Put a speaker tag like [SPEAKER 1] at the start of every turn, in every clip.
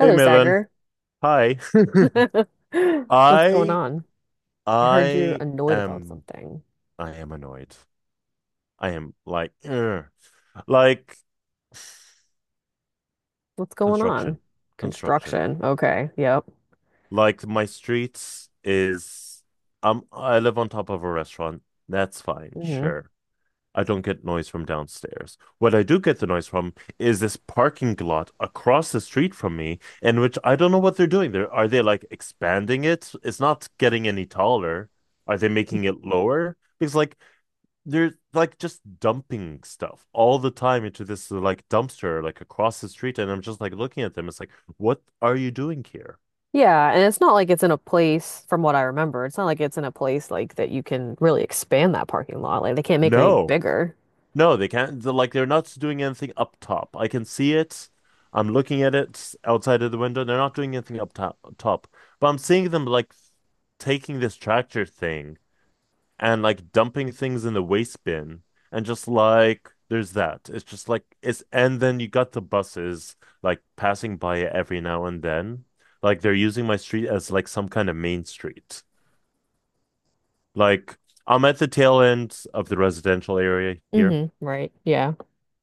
[SPEAKER 1] Hey Milan.
[SPEAKER 2] Sagar.
[SPEAKER 1] Hi.
[SPEAKER 2] What's going
[SPEAKER 1] I
[SPEAKER 2] on? I heard you're
[SPEAKER 1] I
[SPEAKER 2] annoyed about
[SPEAKER 1] am
[SPEAKER 2] something.
[SPEAKER 1] I am annoyed. I am like ugh. Like
[SPEAKER 2] What's going on?
[SPEAKER 1] construction. Construction.
[SPEAKER 2] Construction. Okay. Yep.
[SPEAKER 1] Like my streets is I live on top of a restaurant. That's fine,
[SPEAKER 2] hmm
[SPEAKER 1] sure. I don't get noise from downstairs. What I do get the noise from is this parking lot across the street from me, in which I don't know what they're doing. Are they like expanding it? It's not getting any taller. Are they making it lower? Because like they're like just dumping stuff all the time into this like dumpster like across the street, and I'm just like looking at them. It's like, what are you doing here?
[SPEAKER 2] Yeah, and it's not like it's in a place, from what I remember, it's not like it's in a place like that you can really expand that parking lot. Like they can't make it any
[SPEAKER 1] No.
[SPEAKER 2] bigger.
[SPEAKER 1] No, they can't. They're not doing anything up top. I can see it. I'm looking at it outside of the window. They're not doing anything up top. But I'm seeing them like taking this tractor thing and like dumping things in the waste bin and just like there's that. It's just like it's And then you got the buses like passing by it every now and then. Like they're using my street as like some kind of main street. Like I'm at the tail end of the residential area here.
[SPEAKER 2] Hmm Right. Yeah.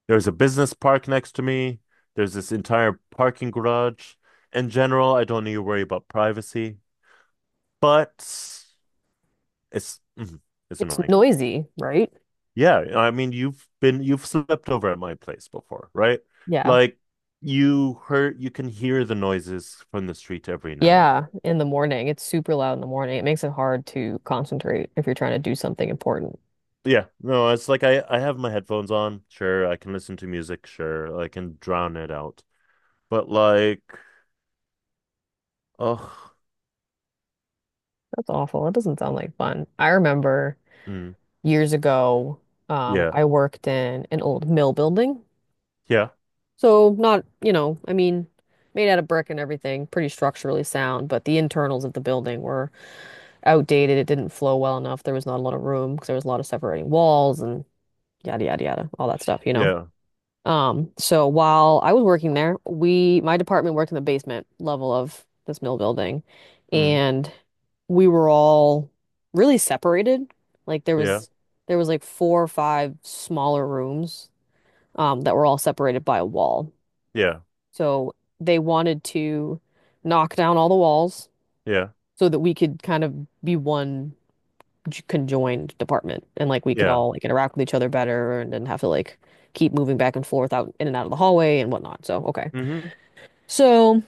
[SPEAKER 1] There's a business park next to me. There's this entire parking garage. In general, I don't need to worry about privacy, but it's mhm, it's
[SPEAKER 2] It's
[SPEAKER 1] annoying.
[SPEAKER 2] noisy, right?
[SPEAKER 1] Yeah, I mean, you've slept over at my place before, right?
[SPEAKER 2] Yeah.
[SPEAKER 1] Like you heard you can hear the noises from the street every now and then.
[SPEAKER 2] Yeah, in the morning. It's super loud in the morning. It makes it hard to concentrate if you're trying to do something important.
[SPEAKER 1] Yeah, no, it's like I have my headphones on. Sure, I can listen to music. Sure, I can drown it out. But like, oh,
[SPEAKER 2] That's awful. That doesn't sound like fun. I remember
[SPEAKER 1] mm,
[SPEAKER 2] years ago,
[SPEAKER 1] yeah,
[SPEAKER 2] I worked in an old mill building.
[SPEAKER 1] yeah,
[SPEAKER 2] So not, you know, I mean, made out of brick and everything, pretty structurally sound, but the internals of the building were outdated. It didn't flow well enough. There was not a lot of room because there was a lot of separating walls and yada, yada, yada, all that stuff, you know?
[SPEAKER 1] yeah,
[SPEAKER 2] So while I was working there, we my department worked in the basement level of this mill building,
[SPEAKER 1] mm,
[SPEAKER 2] and we were all really separated. Like
[SPEAKER 1] yeah.
[SPEAKER 2] there was like four or five smaller rooms that were all separated by a wall.
[SPEAKER 1] Yeah,
[SPEAKER 2] So they wanted to knock down all the walls
[SPEAKER 1] yeah,
[SPEAKER 2] so that we could kind of be one conjoined department, and like we could
[SPEAKER 1] yeah.
[SPEAKER 2] all like interact with each other better and didn't have to like keep moving back and forth out in and out of the hallway and whatnot. So, okay.
[SPEAKER 1] Hmm.
[SPEAKER 2] So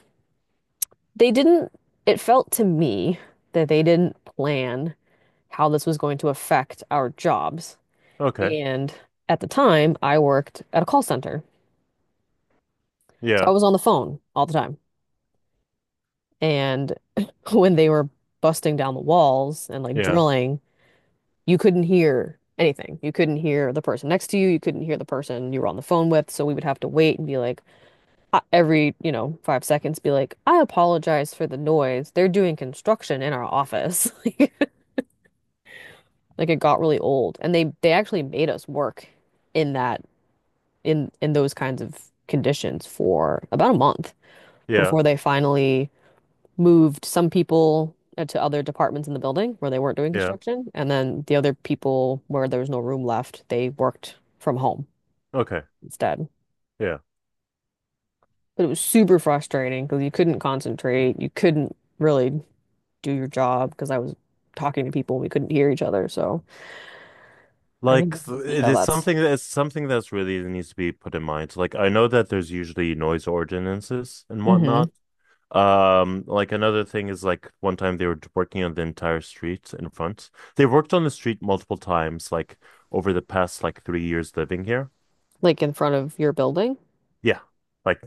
[SPEAKER 2] they didn't, it felt to me that they didn't plan how this was going to affect our jobs.
[SPEAKER 1] Okay.
[SPEAKER 2] And at the time, I worked at a call center. So I
[SPEAKER 1] Yeah,
[SPEAKER 2] was on the phone all the time. And when they were busting down the walls and like
[SPEAKER 1] yeah,
[SPEAKER 2] drilling, you couldn't hear anything. You couldn't hear the person next to you. You couldn't hear the person you were on the phone with. So we would have to wait and be like, every, you know, 5 seconds, be like, I apologize for the noise. They're doing construction in our office. Like it got really old. And they actually made us work in that in those kinds of conditions for about a month
[SPEAKER 1] yeah,
[SPEAKER 2] before they finally moved some people to other departments in the building where they weren't doing
[SPEAKER 1] yeah.
[SPEAKER 2] construction, and then the other people where there was no room left, they worked from home
[SPEAKER 1] Okay.
[SPEAKER 2] instead.
[SPEAKER 1] Yeah.
[SPEAKER 2] But it was super frustrating because you couldn't concentrate, you couldn't really do your job because I was talking to people, we couldn't hear each other. So I can
[SPEAKER 1] Like
[SPEAKER 2] definitely see
[SPEAKER 1] it
[SPEAKER 2] how
[SPEAKER 1] is
[SPEAKER 2] that's
[SPEAKER 1] something that it's something that's really needs to be put in mind. Like I know that there's usually noise ordinances and
[SPEAKER 2] hmm
[SPEAKER 1] whatnot. Like another thing is like one time they were working on the entire street in front. They worked on the street multiple times, like over the past like 3 years living here.
[SPEAKER 2] like in front of your building.
[SPEAKER 1] Yeah. Like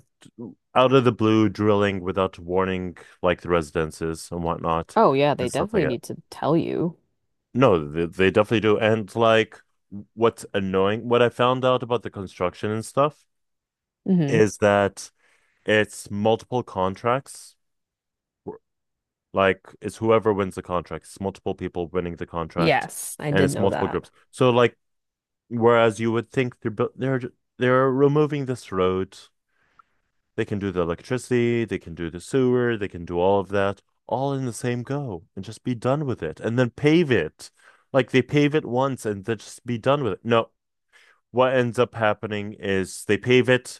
[SPEAKER 1] out of the blue, drilling without warning, like the residences and whatnot
[SPEAKER 2] Oh yeah, they
[SPEAKER 1] and stuff like
[SPEAKER 2] definitely
[SPEAKER 1] that.
[SPEAKER 2] need to tell you.
[SPEAKER 1] No, they definitely do. And like what's annoying, what I found out about the construction and stuff
[SPEAKER 2] Hmm
[SPEAKER 1] is that it's multiple contracts. Like it's whoever wins the contract, it's multiple people winning the contract,
[SPEAKER 2] Yes, I
[SPEAKER 1] and
[SPEAKER 2] did
[SPEAKER 1] it's
[SPEAKER 2] know
[SPEAKER 1] multiple
[SPEAKER 2] that.
[SPEAKER 1] groups. So like, whereas you would think they're removing this road. They can do the electricity, they can do the sewer, they can do all of that, all in the same go and just be done with it and then pave it. Like they pave it once and then just be done with it. No, what ends up happening is they pave it,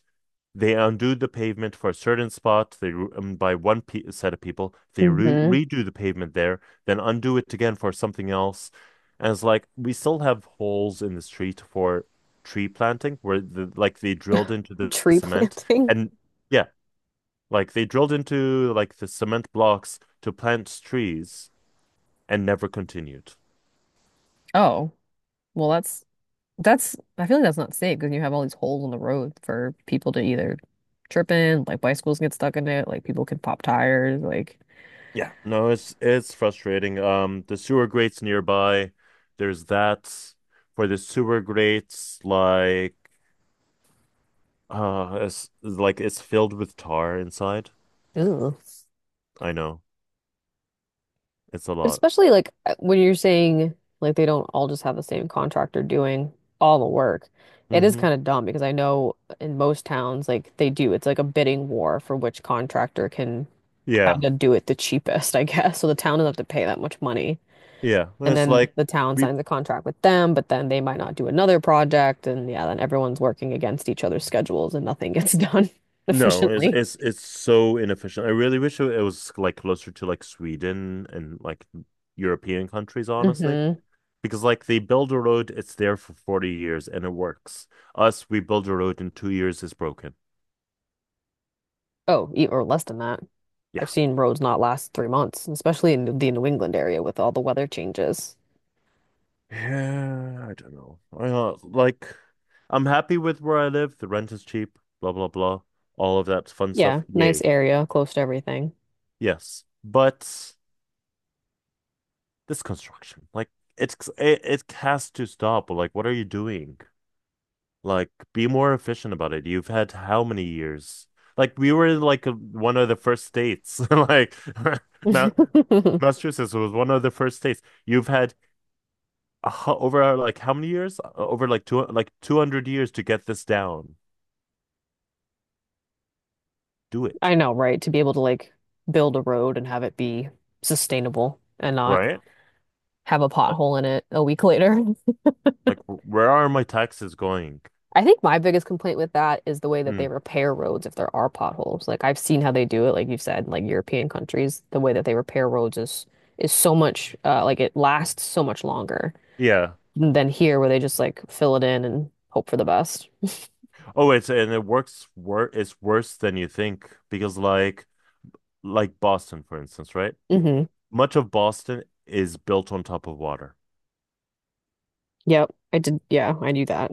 [SPEAKER 1] they undo the pavement for a certain spot, they by one pe set of people, they re
[SPEAKER 2] Hmm
[SPEAKER 1] redo the pavement there, then undo it again for something else. And it's like we still have holes in the street for tree planting where the like they drilled into the
[SPEAKER 2] Tree
[SPEAKER 1] cement
[SPEAKER 2] planting.
[SPEAKER 1] and yeah, like they drilled into like the cement blocks to plant trees and never continued.
[SPEAKER 2] Oh, well, that's, I feel like that's not safe because you have all these holes in the road for people to either trip in, like bicycles get stuck in it, like people can pop tires, like,
[SPEAKER 1] Yeah. No, it's frustrating. The sewer grates nearby, there's that for the sewer grates, like it's filled with tar inside.
[SPEAKER 2] ooh.
[SPEAKER 1] I know. It's a
[SPEAKER 2] But
[SPEAKER 1] lot.
[SPEAKER 2] especially like when you're saying like they don't all just have the same contractor doing all the work. It is
[SPEAKER 1] Mm-hmm.
[SPEAKER 2] kind of dumb because I know in most towns like they do. It's like a bidding war for which contractor can
[SPEAKER 1] Yeah.
[SPEAKER 2] kind of do it the cheapest, I guess. So the town doesn't have to pay that much money.
[SPEAKER 1] Yeah.
[SPEAKER 2] And
[SPEAKER 1] It's
[SPEAKER 2] then
[SPEAKER 1] like
[SPEAKER 2] the town
[SPEAKER 1] we
[SPEAKER 2] signs a contract with them, but then they might not do another project. And yeah, then everyone's working against each other's schedules and nothing gets done
[SPEAKER 1] no,
[SPEAKER 2] efficiently.
[SPEAKER 1] it's so inefficient. I really wish it was like closer to like Sweden and like European countries, honestly.
[SPEAKER 2] Hmm
[SPEAKER 1] Because like they build a road, it's there for 40 years and it works. Us, we build a road in 2 years, it's broken.
[SPEAKER 2] Oh, or less than that.
[SPEAKER 1] Yeah.
[SPEAKER 2] I've seen roads not last 3 months, especially in the New England area with all the weather changes.
[SPEAKER 1] Yeah, I don't know. I like I'm happy with where I live. The rent is cheap, blah blah blah. All of that fun stuff.
[SPEAKER 2] Yeah, nice
[SPEAKER 1] Yay.
[SPEAKER 2] area, close to everything.
[SPEAKER 1] Yes. But this construction, it has to stop. Like, what are you doing? Like, be more efficient about it. You've had how many years? Like, we were like a, one of the first states. Like, Ma Massachusetts was one of the first states. You've had a, hu- Over like how many years? Over like 200 years to get this down. Do it,
[SPEAKER 2] I know, right? To be able to like build a road and have it be sustainable and not
[SPEAKER 1] right?
[SPEAKER 2] have a
[SPEAKER 1] Like,
[SPEAKER 2] pothole in it a week later.
[SPEAKER 1] like where are my taxes going?
[SPEAKER 2] I think my biggest complaint with that is the way that they
[SPEAKER 1] Mm,
[SPEAKER 2] repair roads if there are potholes. Like I've seen how they do it, like you've said, like European countries, the way that they repair roads is so much like it lasts so much longer
[SPEAKER 1] yeah.
[SPEAKER 2] than here where they just like fill it in and hope for the best.
[SPEAKER 1] Oh, it's and it works wor it's worse than you think because like Boston, for instance, right?
[SPEAKER 2] Hmm.
[SPEAKER 1] Much of Boston is built on top of water.
[SPEAKER 2] Yep. I did. Yeah, I knew that.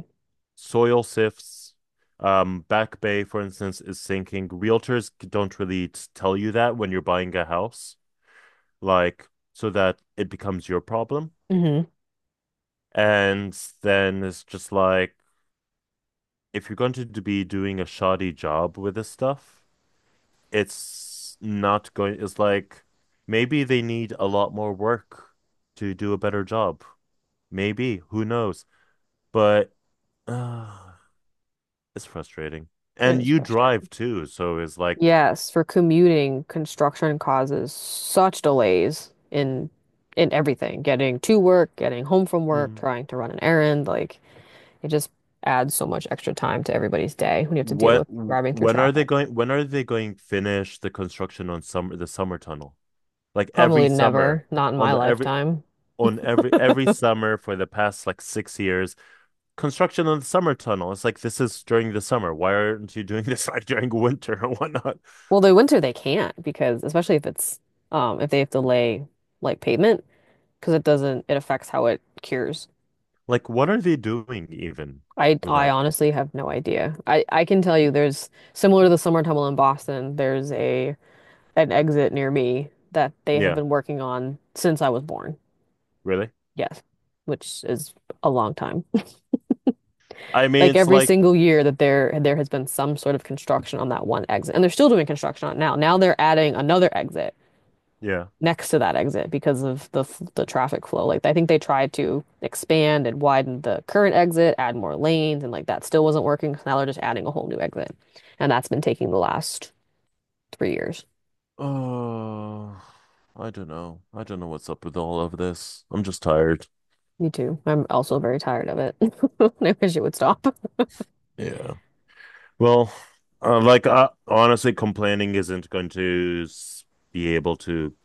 [SPEAKER 1] Soil sifts. Back Bay, for instance, is sinking. Realtors don't really tell you that when you're buying a house, like, so that it becomes your problem.
[SPEAKER 2] Mm-hmm.
[SPEAKER 1] And then it's just like, if you're going to be doing a shoddy job with this stuff, it's not going, it's like maybe they need a lot more work to do a better job. Maybe, who knows? But uh, it's frustrating.
[SPEAKER 2] It
[SPEAKER 1] And
[SPEAKER 2] is
[SPEAKER 1] you
[SPEAKER 2] frustrating.
[SPEAKER 1] drive too, so it's like,
[SPEAKER 2] Yes, for commuting, construction causes such delays in everything, getting to work, getting home from work,
[SPEAKER 1] hmm,
[SPEAKER 2] trying to run an errand, like it just adds so much extra time to everybody's day when you have to deal
[SPEAKER 1] What
[SPEAKER 2] with driving through
[SPEAKER 1] when are they
[SPEAKER 2] traffic.
[SPEAKER 1] going when are they going finish the construction on summer the summer tunnel? Like every
[SPEAKER 2] Probably
[SPEAKER 1] summer
[SPEAKER 2] never, not in
[SPEAKER 1] on
[SPEAKER 2] my
[SPEAKER 1] the every
[SPEAKER 2] lifetime.
[SPEAKER 1] on every every summer for the past like 6 years, construction on the summer tunnel. It's like this is during the summer. Why aren't you doing this like during winter or whatnot?
[SPEAKER 2] Well, the winter they can't because especially if it's if they have to lay like pavement because it doesn't it affects how it cures.
[SPEAKER 1] Like what are they doing even
[SPEAKER 2] I
[SPEAKER 1] with
[SPEAKER 2] I
[SPEAKER 1] that?
[SPEAKER 2] honestly have no idea. I can tell you there's similar to the summer tunnel in Boston, there's a an exit near me that they have
[SPEAKER 1] Yeah,
[SPEAKER 2] been working on since I was born.
[SPEAKER 1] really?
[SPEAKER 2] Yes, which is a long time.
[SPEAKER 1] I mean
[SPEAKER 2] Like
[SPEAKER 1] it's
[SPEAKER 2] every
[SPEAKER 1] like
[SPEAKER 2] single year that there has been some sort of construction on that one exit. And they're still doing construction on it now. Now they're adding another exit
[SPEAKER 1] yeah.
[SPEAKER 2] next to that exit because of the the traffic flow. Like I think they tried to expand and widen the current exit, add more lanes, and like that still wasn't working. So now they're just adding a whole new exit. And that's been taking the last 3 years.
[SPEAKER 1] Oh, I don't know. I don't know what's up with all of this. I'm just tired.
[SPEAKER 2] Me too. I'm also very tired of it. I wish it would stop.
[SPEAKER 1] Yeah. Well, honestly, complaining isn't going to s- be able to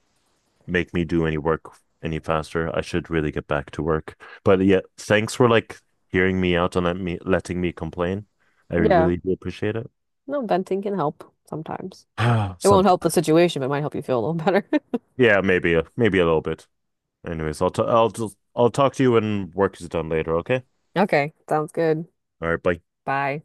[SPEAKER 1] make me do any work any faster. I should really get back to work. But yeah, thanks for like hearing me out and letting me complain. I
[SPEAKER 2] Yeah.
[SPEAKER 1] really do appreciate it.
[SPEAKER 2] No, venting can help sometimes. It won't help the
[SPEAKER 1] Sometime.
[SPEAKER 2] situation, but it might help you feel a little better.
[SPEAKER 1] Yeah, maybe a little bit. Anyways, I'll t I'll just I'll talk to you when work is done later, okay?
[SPEAKER 2] Okay, sounds good.
[SPEAKER 1] All right, bye.
[SPEAKER 2] Bye.